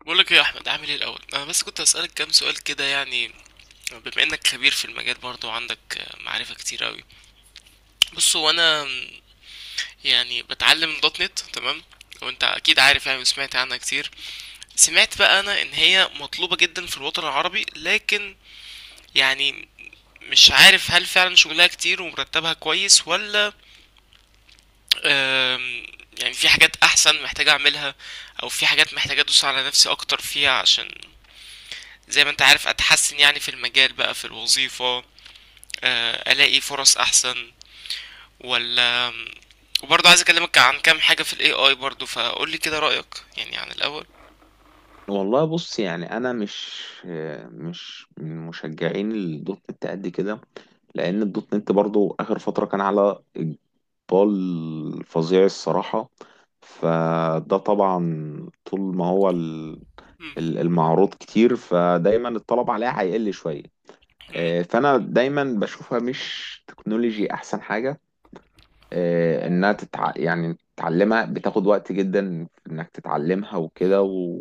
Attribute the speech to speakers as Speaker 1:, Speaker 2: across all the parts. Speaker 1: بقولك ايه يا احمد، عامل ايه؟ الاول انا بس كنت اسالك كام سؤال كده يعني. بما انك خبير في المجال برضه وعندك معرفه كتير قوي. بص هو انا، يعني بتعلم دوت نت، تمام. وانت اكيد عارف يعني وسمعت عنها كتير. سمعت بقى انا ان هي مطلوبه جدا في الوطن العربي، لكن يعني مش عارف هل فعلا شغلها كتير ومرتبها كويس ولا. آم، يعني في حاجات احسن محتاج اعملها، او في حاجات محتاج ادوس على نفسي اكتر فيها، عشان زي ما انت عارف اتحسن يعني في المجال بقى، في الوظيفة، الاقي فرص احسن ولا. وبرضه عايز اكلمك عن كام حاجة في الاي اي برضه، فقول لي كده رأيك يعني عن الاول.
Speaker 2: والله بص، يعني انا مش من مشجعين الدوت نت قد كده. لان الدوت نت برضو اخر فتره كان على اقبال فظيع الصراحه. فده طبعا طول ما هو
Speaker 1: مم.
Speaker 2: المعروض كتير، فدايما الطلب عليها هيقل شويه.
Speaker 1: مم.
Speaker 2: فانا دايما بشوفها مش تكنولوجي احسن حاجه، انها يعني تتعلمها بتاخد وقت جدا في انك تتعلمها وكده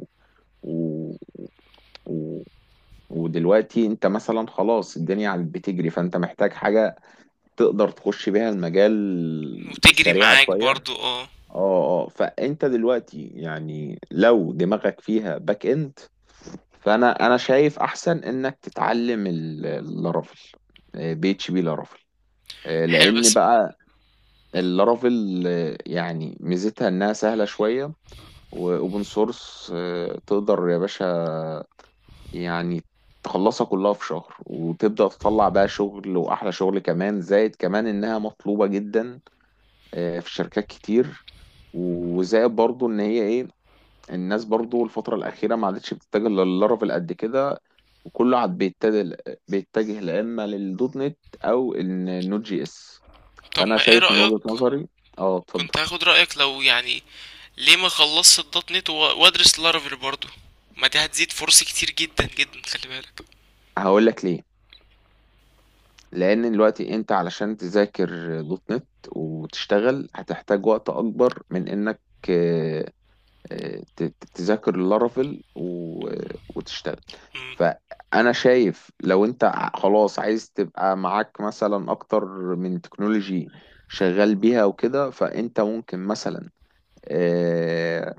Speaker 2: و... و... ودلوقتي انت مثلا خلاص الدنيا عم بتجري، فانت محتاج حاجة تقدر تخش بيها المجال
Speaker 1: وتجري
Speaker 2: سريعة
Speaker 1: معاك
Speaker 2: شوية.
Speaker 1: برضه اه.
Speaker 2: اه فانت دلوقتي يعني لو دماغك فيها باك اند، فانا شايف احسن انك تتعلم اللارافيل، بي اتش بي لارافيل.
Speaker 1: حلو
Speaker 2: لان
Speaker 1: بس.
Speaker 2: بقى اللارافيل، يعني ميزتها انها سهلة شوية، واوبن سورس. تقدر يا باشا يعني تخلصها كلها في شهر، وتبدأ تطلع بقى شغل، واحلى شغل كمان. زائد كمان انها مطلوبة جدا، في شركات كتير. وزائد برضو ان هي ايه، الناس برضو الفترة الأخيرة ما عادتش بتتجه للارافيل قد كده، وكله عاد بيتجه لا اما للدوت نت، او النوت جي اس.
Speaker 1: طب
Speaker 2: فانا
Speaker 1: ما ايه
Speaker 2: شايف من وجهة
Speaker 1: رأيك؟
Speaker 2: نظري، اه اتفضل.
Speaker 1: كنت هاخد رأيك، لو يعني ليه ما خلصت الدوت نت وادرس لارافيل برضه؟ ما دي هتزيد فرصي كتير جدا جدا، خلي بالك.
Speaker 2: هقول لك ليه. لان دلوقتي انت علشان تذاكر دوت نت وتشتغل هتحتاج وقت اكبر من انك آه، تذاكر لارافيل وتشتغل.
Speaker 1: مم.
Speaker 2: فانا شايف لو انت خلاص عايز تبقى معاك مثلا اكتر من تكنولوجي شغال بيها وكده، فانت ممكن مثلا آه،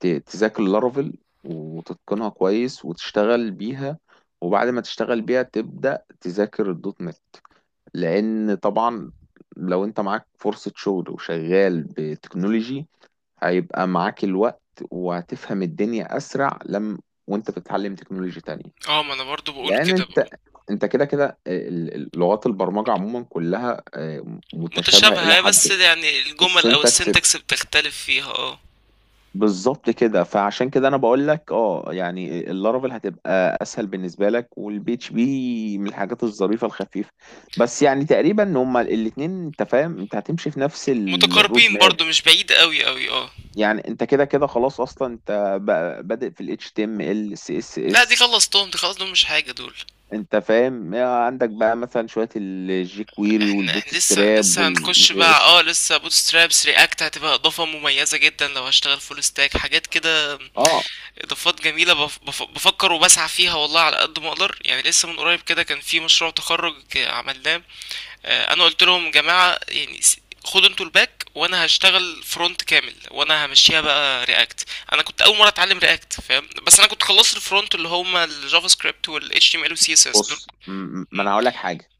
Speaker 2: تذاكر لارافيل وتتقنها كويس وتشتغل بيها، وبعد ما تشتغل بيها تبدأ تذاكر الدوت نت. لان طبعا لو انت معاك فرصة شغل وشغال بتكنولوجي هيبقى معاك الوقت، وهتفهم الدنيا اسرع لما وانت بتتعلم تكنولوجي تانية.
Speaker 1: اه، ما انا برضه بقول
Speaker 2: لان
Speaker 1: كده بقى.
Speaker 2: انت كده كده لغات البرمجة عموما كلها، متشابهة الى
Speaker 1: متشابهة،
Speaker 2: حد.
Speaker 1: بس يعني الجمل او
Speaker 2: السنتكس
Speaker 1: السنتكس بتختلف فيها اه.
Speaker 2: بالظبط كده. فعشان كده انا بقول لك اه، يعني اللارافيل هتبقى اسهل بالنسبه لك، والبيتش بي من الحاجات الظريفه الخفيفه. بس يعني تقريبا هما الاثنين، انت فاهم، انت هتمشي في نفس الرود
Speaker 1: متقاربين
Speaker 2: ماب.
Speaker 1: برضو، مش بعيد قوي قوي اه.
Speaker 2: يعني انت كده كده خلاص، اصلا انت بقى بادئ في الاتش تي ام ال سي اس
Speaker 1: لا دي
Speaker 2: اس.
Speaker 1: خلصتهم، دي خلاص، دول مش حاجه دول.
Speaker 2: انت فاهم، عندك بقى مثلا شويه الجي كويري
Speaker 1: احنا
Speaker 2: والبوت
Speaker 1: احنا لسه
Speaker 2: ستراب
Speaker 1: لسه هنخش
Speaker 2: والجي
Speaker 1: بقى
Speaker 2: اس.
Speaker 1: اه، لسه بوت سترابس رياكت هتبقى اضافه مميزه جدا لو هشتغل فول ستاك حاجات كده.
Speaker 2: اه
Speaker 1: اضافات جميله، بف بف بفكر وبسعى فيها والله على قد ما اقدر يعني، لسه من قريب كده كان في مشروع تخرج عملناه. انا قلت لهم جماعه يعني خدوا انتوا الباك وانا هشتغل فرونت كامل، وانا همشيها بقى رياكت. انا كنت اول مره اتعلم رياكت، فاهم؟ بس انا كنت خلصت الفرونت اللي هما الجافا سكريبت والاتش تي ام ال والسي اس اس دول.
Speaker 2: بص ما
Speaker 1: مم.
Speaker 2: انا هقول لك حاجه.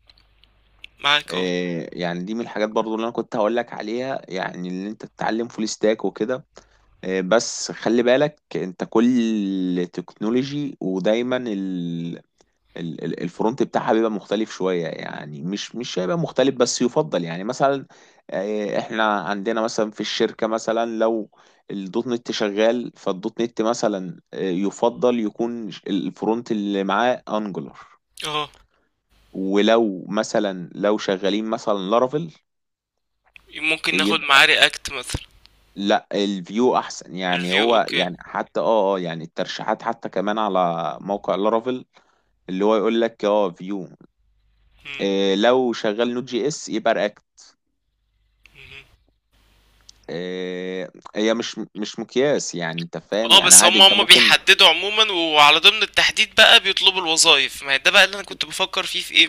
Speaker 1: معاك اه.
Speaker 2: يعني دي من الحاجات برضو اللي انا كنت هقول لك عليها، يعني اللي انت تتعلم فول ستاك وكده. بس خلي بالك انت كل تكنولوجي ودايما الفرونت بتاعها بيبقى مختلف شوية، يعني مش هيبقى مختلف بس يفضل. يعني مثلا احنا عندنا مثلا في الشركة، مثلا لو الدوت نت شغال، فالدوت نت مثلا يفضل يكون الفرونت اللي معاه انجولار.
Speaker 1: اه،
Speaker 2: ولو مثلا لو شغالين مثلا لارافيل،
Speaker 1: ممكن ناخد معاه رياكت مثلا.
Speaker 2: لا الفيو احسن يعني.
Speaker 1: الفيو،
Speaker 2: هو
Speaker 1: اوكي.
Speaker 2: يعني حتى اه يعني الترشيحات حتى كمان على موقع لارافيل اللي هو يقول لك اه فيو.
Speaker 1: مم.
Speaker 2: إيه لو شغال نوت جي اس يبقى رياكت.
Speaker 1: مم.
Speaker 2: إيه، هي مش مقياس يعني، انت فاهم،
Speaker 1: اه
Speaker 2: يعني
Speaker 1: بس
Speaker 2: عادي
Speaker 1: هم
Speaker 2: انت
Speaker 1: هم
Speaker 2: ممكن.
Speaker 1: بيحددوا عموما، وعلى ضمن التحديد بقى بيطلبوا الوظائف. ما هي ده بقى اللي انا كنت بفكر فيه في ايه.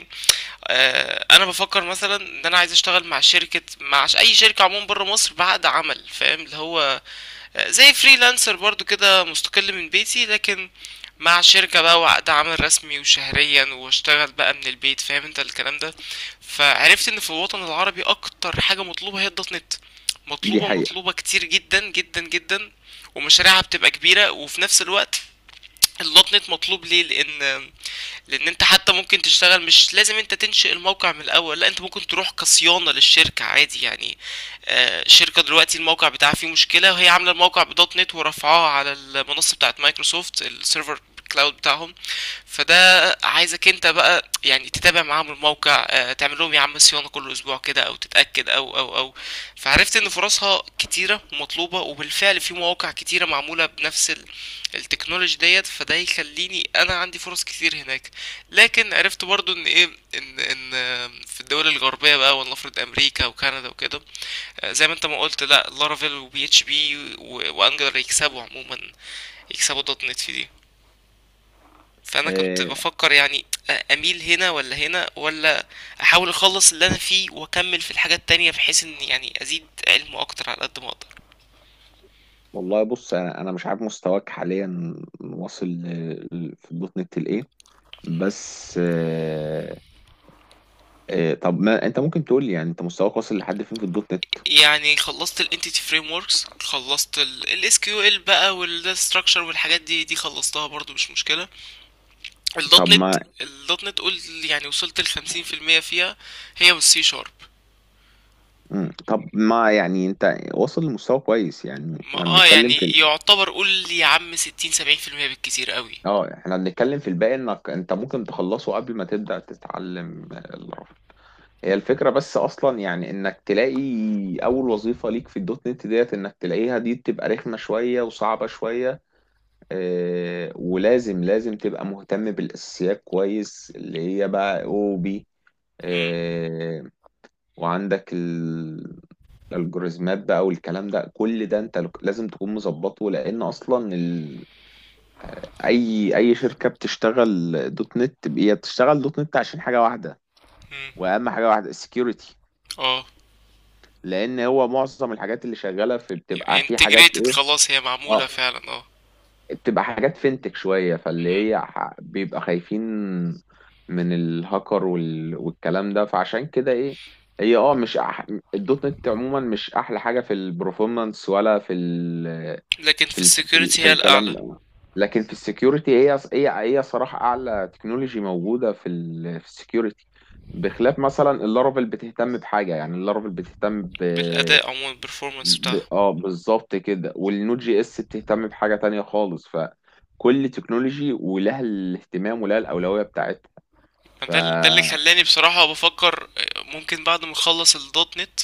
Speaker 1: آه، انا بفكر مثلا ان انا عايز اشتغل مع شركة، مع اي شركة عموما بره مصر بعقد عمل، فاهم اللي هو زي فريلانسر برضو كده، مستقل من بيتي، لكن مع شركة بقى وعقد عمل رسمي وشهريا واشتغل بقى من البيت، فاهم انت الكلام ده. فعرفت ان في الوطن العربي اكتر حاجة مطلوبة هي الدوت نت،
Speaker 2: دي
Speaker 1: مطلوبة
Speaker 2: حقيقة.
Speaker 1: مطلوبة كتير جدا جدا جدا، ومشاريعها بتبقى كبيرة. وفي نفس الوقت الدوت نت مطلوب ليه؟ لان انت حتى ممكن تشتغل، مش لازم انت تنشئ الموقع من الاول، لا انت ممكن تروح كصيانه للشركه عادي يعني. شركه دلوقتي الموقع بتاعها فيه مشكله، وهي عامله الموقع بدوت نت ورفعاها على المنصه بتاعت مايكروسوفت، السيرفر كلاود بتاعهم. فده عايزك انت بقى يعني تتابع معاهم الموقع، تعمل لهم يا عم صيانه كل اسبوع كده، او تتاكد او. فعرفت ان فرصها كتيره ومطلوبه، وبالفعل في مواقع كتيره معموله بنفس ال... التكنولوجي ديت. فده يخليني انا عندي فرص كتير هناك. لكن عرفت برضو ان ايه، ان في الدول الغربيه بقى، ولنفرض امريكا وكندا وكده، زي ما انت ما قلت، لا لارافيل وبي اتش بي وانجلر يكسبوا عموما، يكسبوا دوت نت في دي. فانا كنت
Speaker 2: إيه.
Speaker 1: بفكر يعني اميل هنا ولا هنا، ولا احاول اخلص اللي انا فيه واكمل في الحاجات التانية، بحيث ان يعني ازيد علمه اكتر على قد ما اقدر.
Speaker 2: والله بص، انا مش عارف مستواك حاليا واصل في دوت نت لايه. بس إيه طب ما انت ممكن تقول لي يعني انت مستواك واصل لحد فين في الدوت نت؟
Speaker 1: يعني خلصت ال entity frameworks، خلصت ال SQL بقى، وال data structure والحاجات دي، خلصتها برضو مش مشكلة. ال
Speaker 2: طب
Speaker 1: .NET
Speaker 2: ما
Speaker 1: ال .NET قول يعني وصلت لخمسين في المية فيها، هي والسي شارب.
Speaker 2: مم. طب ما يعني انت واصل لمستوى كويس. يعني
Speaker 1: ما
Speaker 2: احنا
Speaker 1: اه
Speaker 2: بنتكلم
Speaker 1: يعني
Speaker 2: في
Speaker 1: يعتبر قول يا عم 60-70% بالكتير قوي.
Speaker 2: اه احنا بنتكلم في الباقي، انك انت ممكن تخلصه قبل ما تبدأ تتعلم الرفع. هي الفكرة بس. اصلا يعني انك تلاقي اول وظيفة ليك في الدوت نت ديت، انك تلاقيها دي بتبقى رخمة شوية وصعبة شوية. اه ولازم لازم تبقى مهتم بالاساسيات كويس، اللي هي بقى او بي،
Speaker 1: مم،
Speaker 2: وعندك الالجوريزمات بقى والكلام ده. كل ده انت لازم تكون مظبطه، لان اصلا اي شركه بتشتغل دوت نت هي بتشتغل دوت نت عشان حاجه واحده.
Speaker 1: مم،
Speaker 2: واهم حاجه واحده السكيورتي.
Speaker 1: اه.
Speaker 2: لان هو معظم الحاجات اللي شغاله في بتبقى في حاجات
Speaker 1: انتجريتد،
Speaker 2: ايه،
Speaker 1: خلاص هي معمولة
Speaker 2: اه
Speaker 1: فعلا اه.
Speaker 2: بتبقى حاجات فينتك شوية، فاللي
Speaker 1: مم.
Speaker 2: بيبقى خايفين من الهاكر والكلام ده. فعشان كده ايه، هي اه مش أح... الدوت نت عموما مش احلى حاجة في البرفورمانس ولا في ال...
Speaker 1: لكن
Speaker 2: في
Speaker 1: في
Speaker 2: ال... في ال...
Speaker 1: السكيورتي
Speaker 2: في
Speaker 1: هي
Speaker 2: الكلام
Speaker 1: الأعلى.
Speaker 2: ده. لكن في السكيورتي هي هي صراحة اعلى تكنولوجي موجودة في في السكيورتي. بخلاف مثلا اللارفل بتهتم بحاجة، يعني اللارفل بتهتم
Speaker 1: بالأداء عموما، البرفورمانس بتاعها.
Speaker 2: اه بالظبط كده. والنود جي اس بتهتم بحاجة تانية خالص. فكل تكنولوجي ولها الاهتمام ولها الأولوية بتاعتها. ف
Speaker 1: ده ده اللي خلاني بصراحة بفكر، ممكن بعد ما اخلص الدوت نت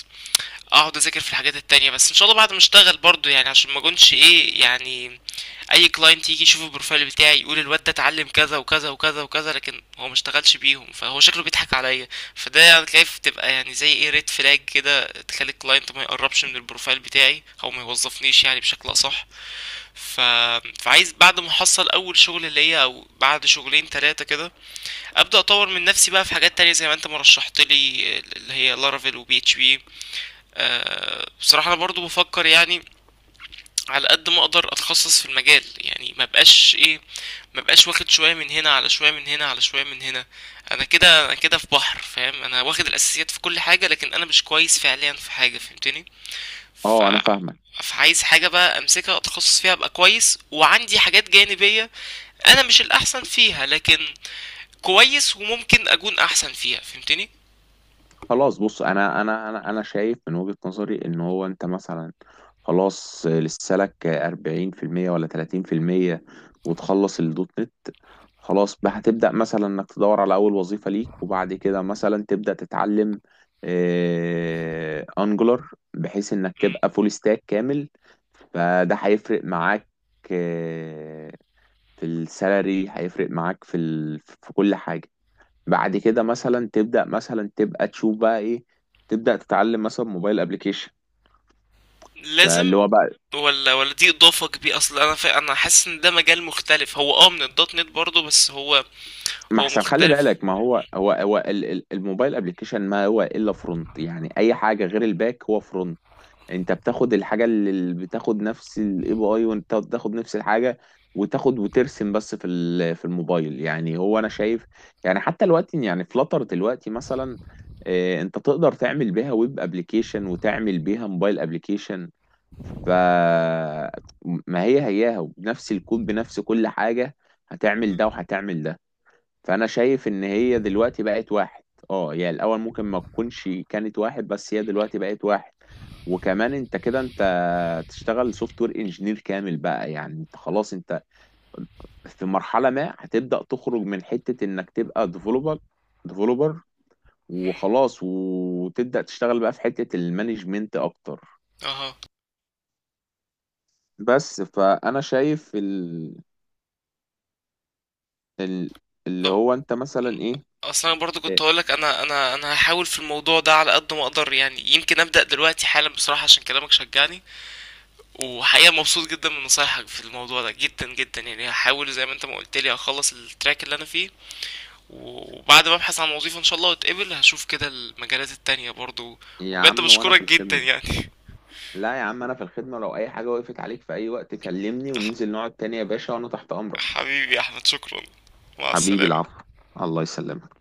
Speaker 1: اقعد اذاكر في الحاجات التانية، بس ان شاء الله بعد ما اشتغل برضو يعني، عشان ما اكونش ايه يعني، اي كلاينت يجي يشوف البروفايل بتاعي يقول الواد ده اتعلم كذا وكذا وكذا وكذا، لكن هو ما اشتغلش بيهم فهو شكله بيضحك عليا. فده يعني تلاقيه بتبقى يعني زي ايه، ريد فلاج كده، تخلي الكلاينت ما يقربش من البروفايل بتاعي او ما يوظفنيش يعني بشكل اصح. ف... فعايز بعد ما احصل اول شغل ليا او بعد شغلين ثلاثة كده، ابدا اطور من نفسي بقى في حاجات تانية زي ما انت مرشحت لي، اللي هي لارافيل وبي اتش بي. بصراحة أنا برضو بفكر يعني على قد ما أقدر أتخصص في المجال، يعني ما بقاش إيه، ما بقاش واخد شوية من هنا على شوية من هنا على شوية من هنا. أنا كده أنا كده في بحر، فاهم؟ أنا واخد الأساسيات في كل حاجة، لكن أنا مش كويس فعليا في حاجة، فهمتني؟ ف...
Speaker 2: اه انا فاهمك.
Speaker 1: فعايز حاجة بقى أمسكها أتخصص فيها أبقى كويس، وعندي حاجات جانبية أنا مش الأحسن فيها لكن كويس وممكن أكون أحسن فيها، فهمتني؟
Speaker 2: خلاص بص، انا شايف من وجهة نظري ان هو انت مثلا خلاص لسه لك 40% ولا 30%، وتخلص الدوت نت. خلاص بقى هتبدأ مثلا انك تدور على اول وظيفة ليك، وبعد كده مثلا تبدأ تتعلم انجولار، بحيث انك تبقى فول ستاك كامل. فده هيفرق معاك آه، في السالري، هيفرق معاك في في كل حاجة. بعد كده مثلا تبدأ مثلا تبقى تشوف بقى ايه، تبدأ تتعلم مثلا موبايل ابليكيشن. فاللي
Speaker 1: لازم
Speaker 2: هو بقى
Speaker 1: ولا، ولا دي اضافه كبيره. اصل انا فا... انا حاسس ان ده مجال مختلف هو اه من الدوت نت برضه، بس هو
Speaker 2: ما
Speaker 1: هو
Speaker 2: احسن. خلي
Speaker 1: مختلف.
Speaker 2: بالك ما هو هو الموبايل ابليكيشن ما هو الا فرونت، يعني اي حاجة غير الباك هو فرونت. انت بتاخد الحاجه اللي بتاخد نفس الاي بي اي، وانت بتاخد نفس الحاجه، وتاخد وترسم. بس في في الموبايل، يعني هو انا شايف يعني حتى دلوقتي، يعني فلاتر دلوقتي مثلا، اه، انت تقدر تعمل بيها ويب ابلكيشن وتعمل بيها موبايل ابلكيشن. ف ما هي هياها بنفس الكود بنفس كل حاجه، هتعمل ده وهتعمل ده. فانا شايف ان هي دلوقتي بقت واحد. اه، هي الاول ممكن ما تكونش كانت واحد، بس هي دلوقتي بقت واحد. وكمان انت كده انت تشتغل سوفت وير انجينير كامل بقى، يعني انت خلاص انت في مرحلة ما هتبدأ تخرج من حتة انك تبقى ديفلوبر، وخلاص، وتبدأ تشتغل بقى في حتة المانجمنت اكتر.
Speaker 1: اها.
Speaker 2: بس فانا شايف ال... اللي
Speaker 1: طب
Speaker 2: هو انت مثلا ايه.
Speaker 1: اصلا انا برضه
Speaker 2: إيه
Speaker 1: كنت هقول لك انا هحاول في الموضوع ده على قد ما اقدر، يعني يمكن ابدا دلوقتي حالا بصراحه عشان كلامك شجعني، وحقيقه مبسوط جدا من نصايحك في الموضوع ده جدا جدا يعني. هحاول زي ما انت ما قلت لي هخلص التراك اللي انا فيه، وبعد ما ابحث عن وظيفه ان شاء الله واتقبل، هشوف كده المجالات التانية برضه.
Speaker 2: يا
Speaker 1: وبجد
Speaker 2: عم، وانا في
Speaker 1: بشكرك جدا
Speaker 2: الخدمة.
Speaker 1: يعني.
Speaker 2: لا يا عم انا في الخدمه، لو اي حاجه وقفت عليك في اي وقت كلمني وننزل نقعد تاني يا باشا، وانا تحت امرك.
Speaker 1: حبيبي يا أحمد، شكرا، مع
Speaker 2: حبيبي
Speaker 1: السلامة.
Speaker 2: العفو. الله يسلمك.